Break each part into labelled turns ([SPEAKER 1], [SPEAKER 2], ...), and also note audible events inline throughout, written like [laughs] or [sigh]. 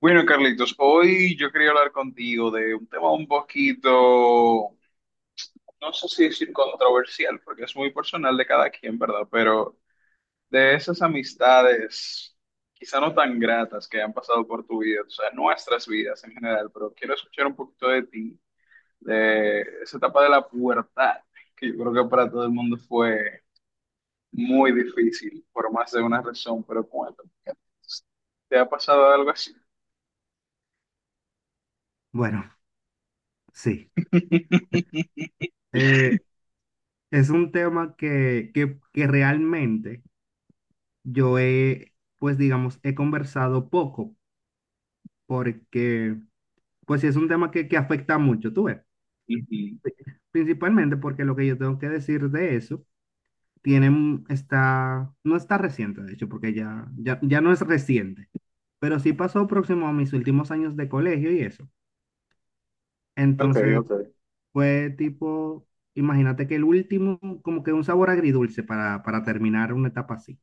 [SPEAKER 1] Bueno, Carlitos, hoy yo quería hablar contigo de un tema un poquito, no sé si decir controversial, porque es muy personal de cada quien, ¿verdad? Pero de esas amistades, quizá no tan gratas que han pasado por tu vida, o sea, nuestras vidas en general, pero quiero escuchar un poquito de ti, de esa etapa de la pubertad, que yo creo que para todo el mundo fue muy difícil, por más de una razón, pero cuéntame, ¿te ha pasado algo así?
[SPEAKER 2] Bueno, sí.
[SPEAKER 1] [laughs]
[SPEAKER 2] Eh, es un tema que realmente yo he, pues digamos, he conversado poco, porque, pues sí, es un tema que afecta mucho, tú ves.
[SPEAKER 1] Ujú.
[SPEAKER 2] Sí, principalmente porque lo que yo tengo que decir de eso no está reciente, de hecho, porque ya no es reciente, pero sí pasó próximo a mis últimos años de colegio y eso.
[SPEAKER 1] Ok,
[SPEAKER 2] Entonces,
[SPEAKER 1] ok,
[SPEAKER 2] fue tipo, imagínate que el último, como que un sabor agridulce para terminar una etapa así.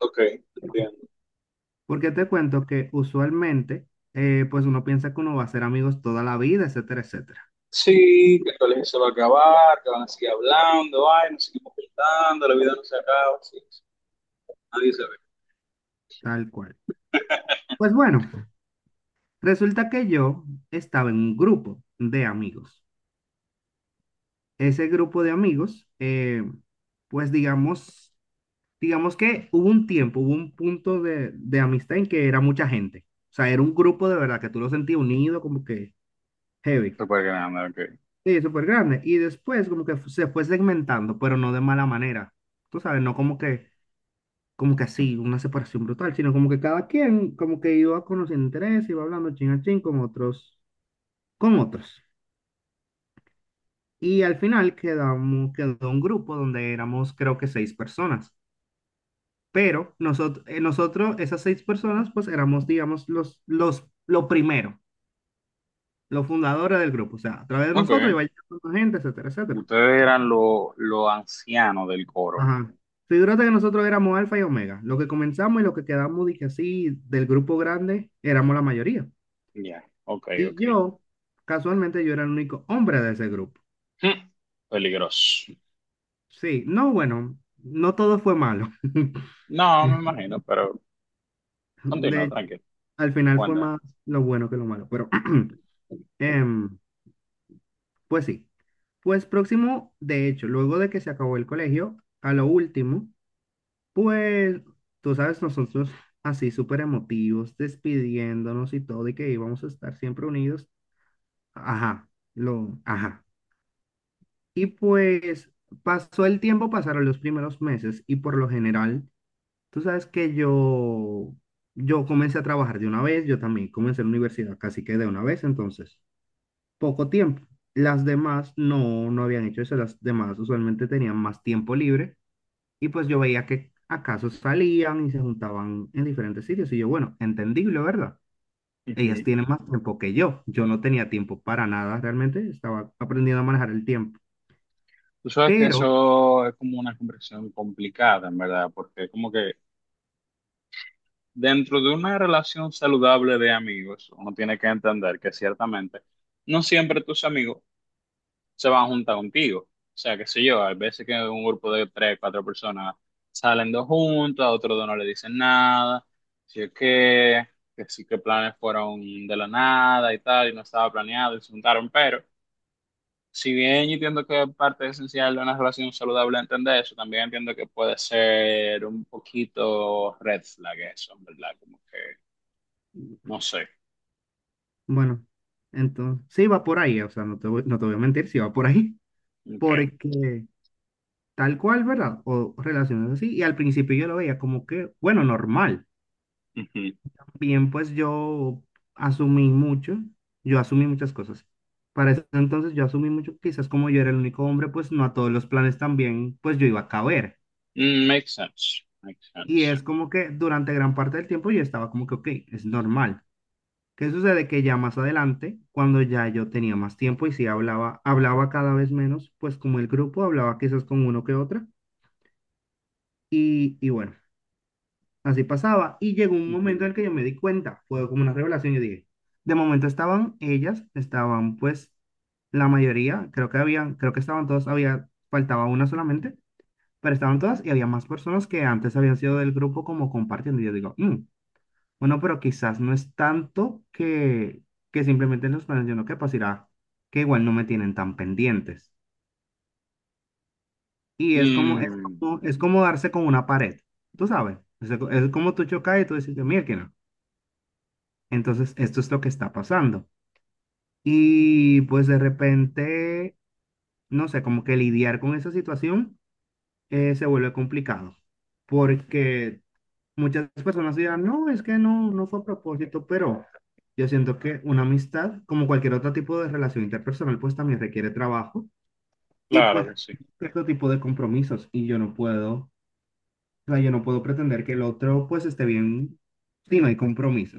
[SPEAKER 1] ok, entiendo.
[SPEAKER 2] Porque te cuento que usualmente, pues uno piensa que uno va a ser amigos toda la vida, etcétera, etcétera,
[SPEAKER 1] Sí, que el colegio se va a acabar, que van a seguir hablando, ay, nos seguimos juntando, la vida no se acaba, sí, sí, nadie se ve.
[SPEAKER 2] tal cual. Pues bueno, resulta que yo estaba en un grupo de amigos. Ese grupo de amigos, pues digamos que hubo un tiempo, hubo un punto de amistad en que era mucha gente. O sea, era un grupo de verdad que tú lo sentías unido, como que heavy.
[SPEAKER 1] Súper grande, ok.
[SPEAKER 2] Sí, súper grande. Y después como que se fue segmentando, pero no de mala manera. Tú sabes, no como que, como que así, una separación brutal, sino como que cada quien como que iba conociendo interés, iba hablando chin a chin con otros, con otros. Y al final quedó un grupo donde éramos creo que seis personas. Pero nosotros, esas seis personas, pues éramos, digamos, lo primero, los fundadores del grupo. O sea, a través de nosotros
[SPEAKER 1] Ok.
[SPEAKER 2] iba llegando gente, etcétera, etcétera.
[SPEAKER 1] Ustedes eran los ancianos del coro.
[SPEAKER 2] Ajá. Figúrate que nosotros éramos alfa y omega. Lo que comenzamos y lo que quedamos, dije así, del grupo grande, éramos la mayoría.
[SPEAKER 1] Ya, ok,
[SPEAKER 2] Y
[SPEAKER 1] ok.
[SPEAKER 2] yo, casualmente, yo era el único hombre de ese grupo.
[SPEAKER 1] Hmm, peligroso.
[SPEAKER 2] Sí, no, bueno, no todo fue malo. [laughs]
[SPEAKER 1] No, me imagino, pero
[SPEAKER 2] De
[SPEAKER 1] continúa,
[SPEAKER 2] hecho,
[SPEAKER 1] tranquilo.
[SPEAKER 2] al final fue más lo bueno que lo malo, pero [clears throat]
[SPEAKER 1] Ujú.
[SPEAKER 2] em, pues sí. Pues próximo, de hecho, luego de que se acabó el colegio, a lo último, pues, tú sabes, nosotros así súper emotivos, despidiéndonos y todo, y que íbamos a estar siempre unidos. Ajá, lo, ajá. Y pues pasó el tiempo, pasaron los primeros meses, y por lo general, tú sabes que yo comencé a trabajar de una vez, yo también comencé la universidad casi que de una vez, entonces, poco tiempo. Las demás no habían hecho eso, las demás usualmente tenían más tiempo libre. Y pues yo veía que acaso salían y se juntaban en diferentes sitios. Y yo, bueno, entendible, ¿verdad? Ellas tienen más tiempo que yo. Yo no tenía tiempo para nada, realmente. Estaba aprendiendo a manejar el tiempo.
[SPEAKER 1] Tú sabes que
[SPEAKER 2] Pero,
[SPEAKER 1] eso es como una conversación complicada, en verdad, porque como que dentro de una relación saludable de amigos, uno tiene que entender que ciertamente no siempre tus amigos se van a juntar contigo. O sea, qué sé yo, hay veces que un grupo de tres, cuatro personas salen dos juntas, a otros dos no le dicen nada, si es que sí que planes fueron de la nada y tal, y no estaba planeado y se juntaron, pero si bien yo entiendo que parte esencial de una relación saludable es entender eso, también entiendo que puede ser un poquito red flag eso, en ¿verdad? Como que, no sé,
[SPEAKER 2] bueno, entonces, sí va por ahí. O sea, no te voy a mentir, sí va por ahí. [laughs]
[SPEAKER 1] ok.
[SPEAKER 2] Porque tal cual, ¿verdad? O relaciones así. Y al principio yo lo veía como que, bueno, normal.
[SPEAKER 1] Ujú.
[SPEAKER 2] Bien, pues asumí mucho, yo asumí muchas cosas. Para ese entonces yo asumí mucho, quizás como yo era el único hombre, pues no a todos los planes también, pues yo iba a caber.
[SPEAKER 1] Mm, makes sense, makes
[SPEAKER 2] Y
[SPEAKER 1] sense.
[SPEAKER 2] es como que durante gran parte del tiempo yo estaba como que, ok, es normal. ¿Qué sucede? Que ya más adelante, cuando ya yo tenía más tiempo y sí hablaba, hablaba cada vez menos, pues como el grupo hablaba quizás con uno que otra. Y bueno. Así pasaba. Y llegó un momento
[SPEAKER 1] Ujú.
[SPEAKER 2] en el que yo me di cuenta, fue como una revelación, yo dije, de momento estaban ellas, estaban pues la mayoría, creo que habían, creo que estaban todas, había, faltaba una solamente, pero estaban todas y había más personas que antes habían sido del grupo como compartiendo. Y yo digo, "Mm, bueno, pero quizás no es tanto que simplemente en los planes yo no que pasará, que igual no me tienen tan pendientes. Y
[SPEAKER 1] Mm,
[SPEAKER 2] es como darse con una pared, tú sabes, es como tú chocas y tú dices, mira, entonces, esto es lo que está pasando. Y pues de repente, no sé, como que lidiar con esa situación se vuelve complicado, porque muchas personas dirán, no, es que no, no fue a propósito, pero yo siento que una amistad, como cualquier otro tipo de relación interpersonal, pues también requiere trabajo y
[SPEAKER 1] claro
[SPEAKER 2] pues
[SPEAKER 1] que sí.
[SPEAKER 2] cierto tipo de compromisos y yo no puedo, o sea, yo no puedo pretender que el otro pues esté bien si no hay compromiso.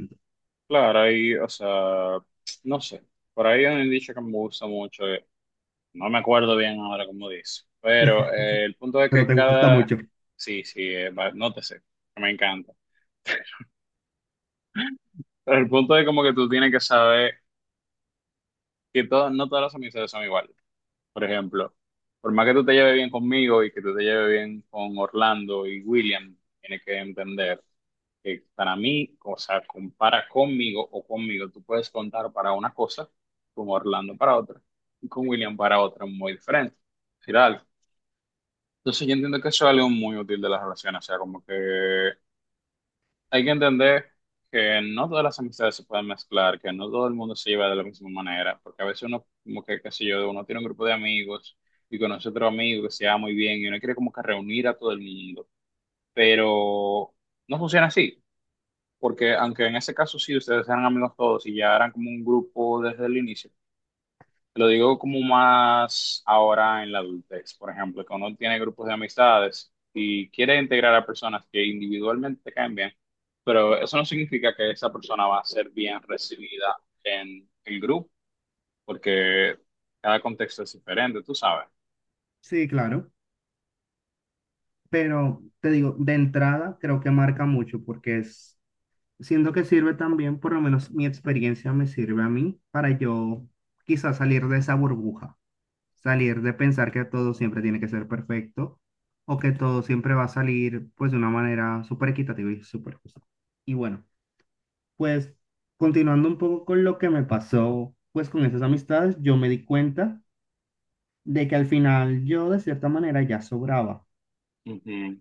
[SPEAKER 1] Claro, ahí, o sea, no sé. Por ahí hay un dicho que me gusta mucho, no me acuerdo bien ahora cómo dice, pero el punto es
[SPEAKER 2] Pero
[SPEAKER 1] que
[SPEAKER 2] te gusta
[SPEAKER 1] cada.
[SPEAKER 2] mucho.
[SPEAKER 1] Sí, sí, no te sé, me encanta. Pero el punto es como que tú tienes que saber que todas, no todas las amistades son iguales. Por ejemplo, por más que tú te lleves bien conmigo y que tú te lleves bien con Orlando y William, tienes que entender que para mí, o sea, compara conmigo o conmigo, tú puedes contar para una cosa, con Orlando para otra y con William para otra, muy diferente. Decir algo. Entonces yo entiendo que eso es algo muy útil de las relaciones, o sea, como que hay que entender que no todas las amistades se pueden mezclar, que no todo el mundo se lleva de la misma manera, porque a veces uno, como que, qué sé yo, uno tiene un grupo de amigos y conoce otro amigo que se lleva muy bien y uno quiere como que reunir a todo el mundo, pero no funciona así, porque aunque en ese caso sí ustedes eran amigos todos y ya eran como un grupo desde el inicio, lo digo como más ahora en la adultez, por ejemplo, que uno tiene grupos de amistades y quiere integrar a personas que individualmente te caen bien, pero eso no significa que esa persona va a ser bien recibida en el grupo, porque cada contexto es diferente, tú sabes.
[SPEAKER 2] Sí, claro. Pero te digo, de entrada creo que marca mucho siento que sirve también, por lo menos mi experiencia me sirve a mí para yo quizás salir de esa burbuja, salir de pensar que todo siempre tiene que ser perfecto o que todo siempre va a salir pues de una manera súper equitativa y súper justa. Y bueno, pues continuando un poco con lo que me pasó pues con esas amistades, yo me di cuenta de que al final yo de cierta manera ya sobraba.
[SPEAKER 1] Ujú.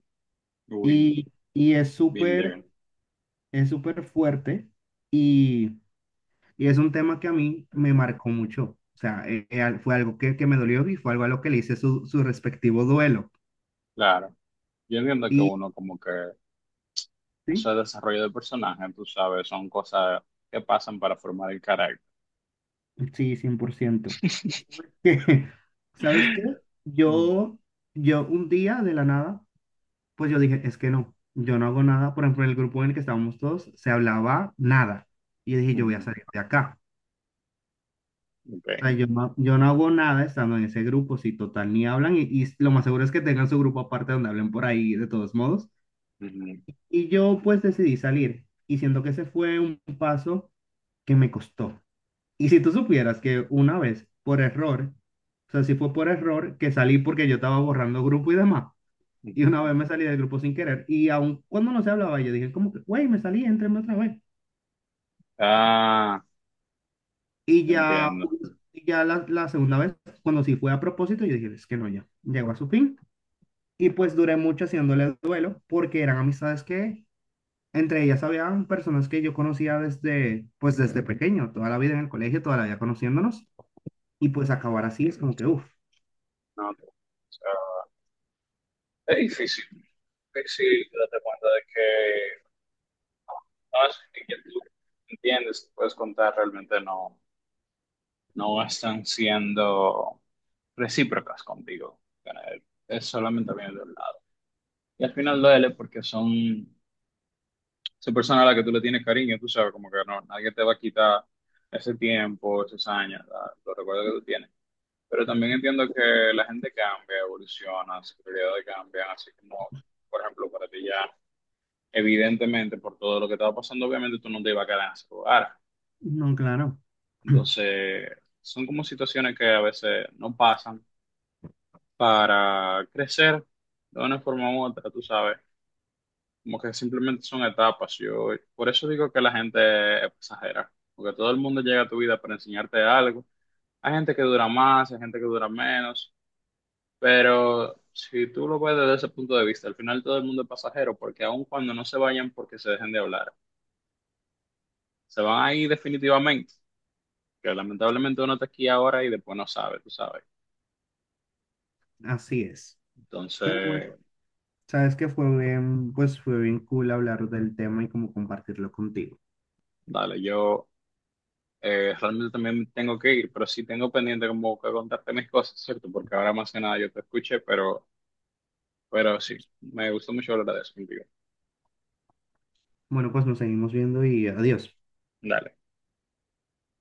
[SPEAKER 1] Uy,
[SPEAKER 2] Y, y es
[SPEAKER 1] been
[SPEAKER 2] súper
[SPEAKER 1] there.
[SPEAKER 2] es súper fuerte y, y es un tema que a mí me marcó mucho. O sea, fue algo que me dolió y fue algo a lo que le hice su respectivo duelo.
[SPEAKER 1] Claro. Yo entiendo que
[SPEAKER 2] Y
[SPEAKER 1] uno como que ese
[SPEAKER 2] sí,
[SPEAKER 1] desarrollo de personaje, tú sabes, son cosas que pasan para formar el carácter.
[SPEAKER 2] sí, 100%. [laughs] Que, ¿sabes qué? [laughs] ¿Sabes
[SPEAKER 1] [laughs]
[SPEAKER 2] qué?
[SPEAKER 1] Ujú.
[SPEAKER 2] Yo, yo un día de la nada, pues yo dije, es que no, yo no hago nada. Por ejemplo, en el grupo en el que estábamos todos, se hablaba nada. Y yo dije, yo voy a
[SPEAKER 1] Ujú.
[SPEAKER 2] salir de acá.
[SPEAKER 1] Ok.
[SPEAKER 2] Ay, yo no hago nada estando en ese grupo, si total ni hablan, y lo más seguro es que tengan su grupo aparte donde hablen por ahí de todos modos.
[SPEAKER 1] Ujú.
[SPEAKER 2] Y yo pues decidí salir, y siento que ese fue un paso que me costó. Y si tú supieras que una vez, por error, o sea, si fue por error que salí porque yo estaba borrando grupo y demás, y
[SPEAKER 1] Ujú.
[SPEAKER 2] una vez me salí del grupo sin querer, y aun cuando no se hablaba, yo dije como que, güey, me salí, éntrenme otra vez.
[SPEAKER 1] Ah,
[SPEAKER 2] Y ya,
[SPEAKER 1] entiendo.
[SPEAKER 2] y ya la segunda vez, cuando sí fue a propósito, yo dije, es que no, ya, llegó a su fin. Y pues duré mucho haciéndole duelo porque eran amistades que entre ellas habían personas que yo conocía desde, pues desde pequeño, toda la vida en el colegio, toda la vida conociéndonos. Y pues acabar así es como que, uff,
[SPEAKER 1] No, no, o sea, es difícil, difícil darte cuenta de que no no es que quien tú entiendes, puedes contar, realmente no, no están siendo recíprocas contigo. Eh, Es solamente viene de un lado. Y al final duele porque son esa persona a la que tú le tienes cariño, tú sabes, como que no, nadie te va a quitar ese tiempo, esos años, los recuerdos que tú tienes. Pero también entiendo que la gente cambia, evoluciona, sus prioridades cambian, así como, por ejemplo, para ti ya, evidentemente, por todo lo que estaba pasando, obviamente tú no te ibas a quedar en ese lugar.
[SPEAKER 2] no, claro, [clears throat]
[SPEAKER 1] Entonces, son como situaciones que a veces no pasan para crecer de una forma u otra, tú sabes. Como que simplemente son etapas. Yo, por eso digo que la gente es pasajera, porque todo el mundo llega a tu vida para enseñarte algo. Hay gente que dura más, hay gente que dura menos, pero si tú lo ves desde ese punto de vista, al final todo el mundo es pasajero, porque aun cuando no se vayan porque se dejen de hablar, se van a ir definitivamente, que lamentablemente uno está aquí ahora y después no sabe, tú sabes.
[SPEAKER 2] así es. Pero bueno,
[SPEAKER 1] Entonces,
[SPEAKER 2] sabes que fue bien, pues fue bien cool hablar del tema y como compartirlo contigo.
[SPEAKER 1] dale, yo realmente también tengo que ir, pero sí tengo pendiente como que contarte mis cosas, ¿cierto? Porque ahora más que nada yo te escuché, pero... Pero sí, me gustó mucho hablar de eso contigo.
[SPEAKER 2] Bueno, pues nos seguimos viendo y adiós.
[SPEAKER 1] Dale.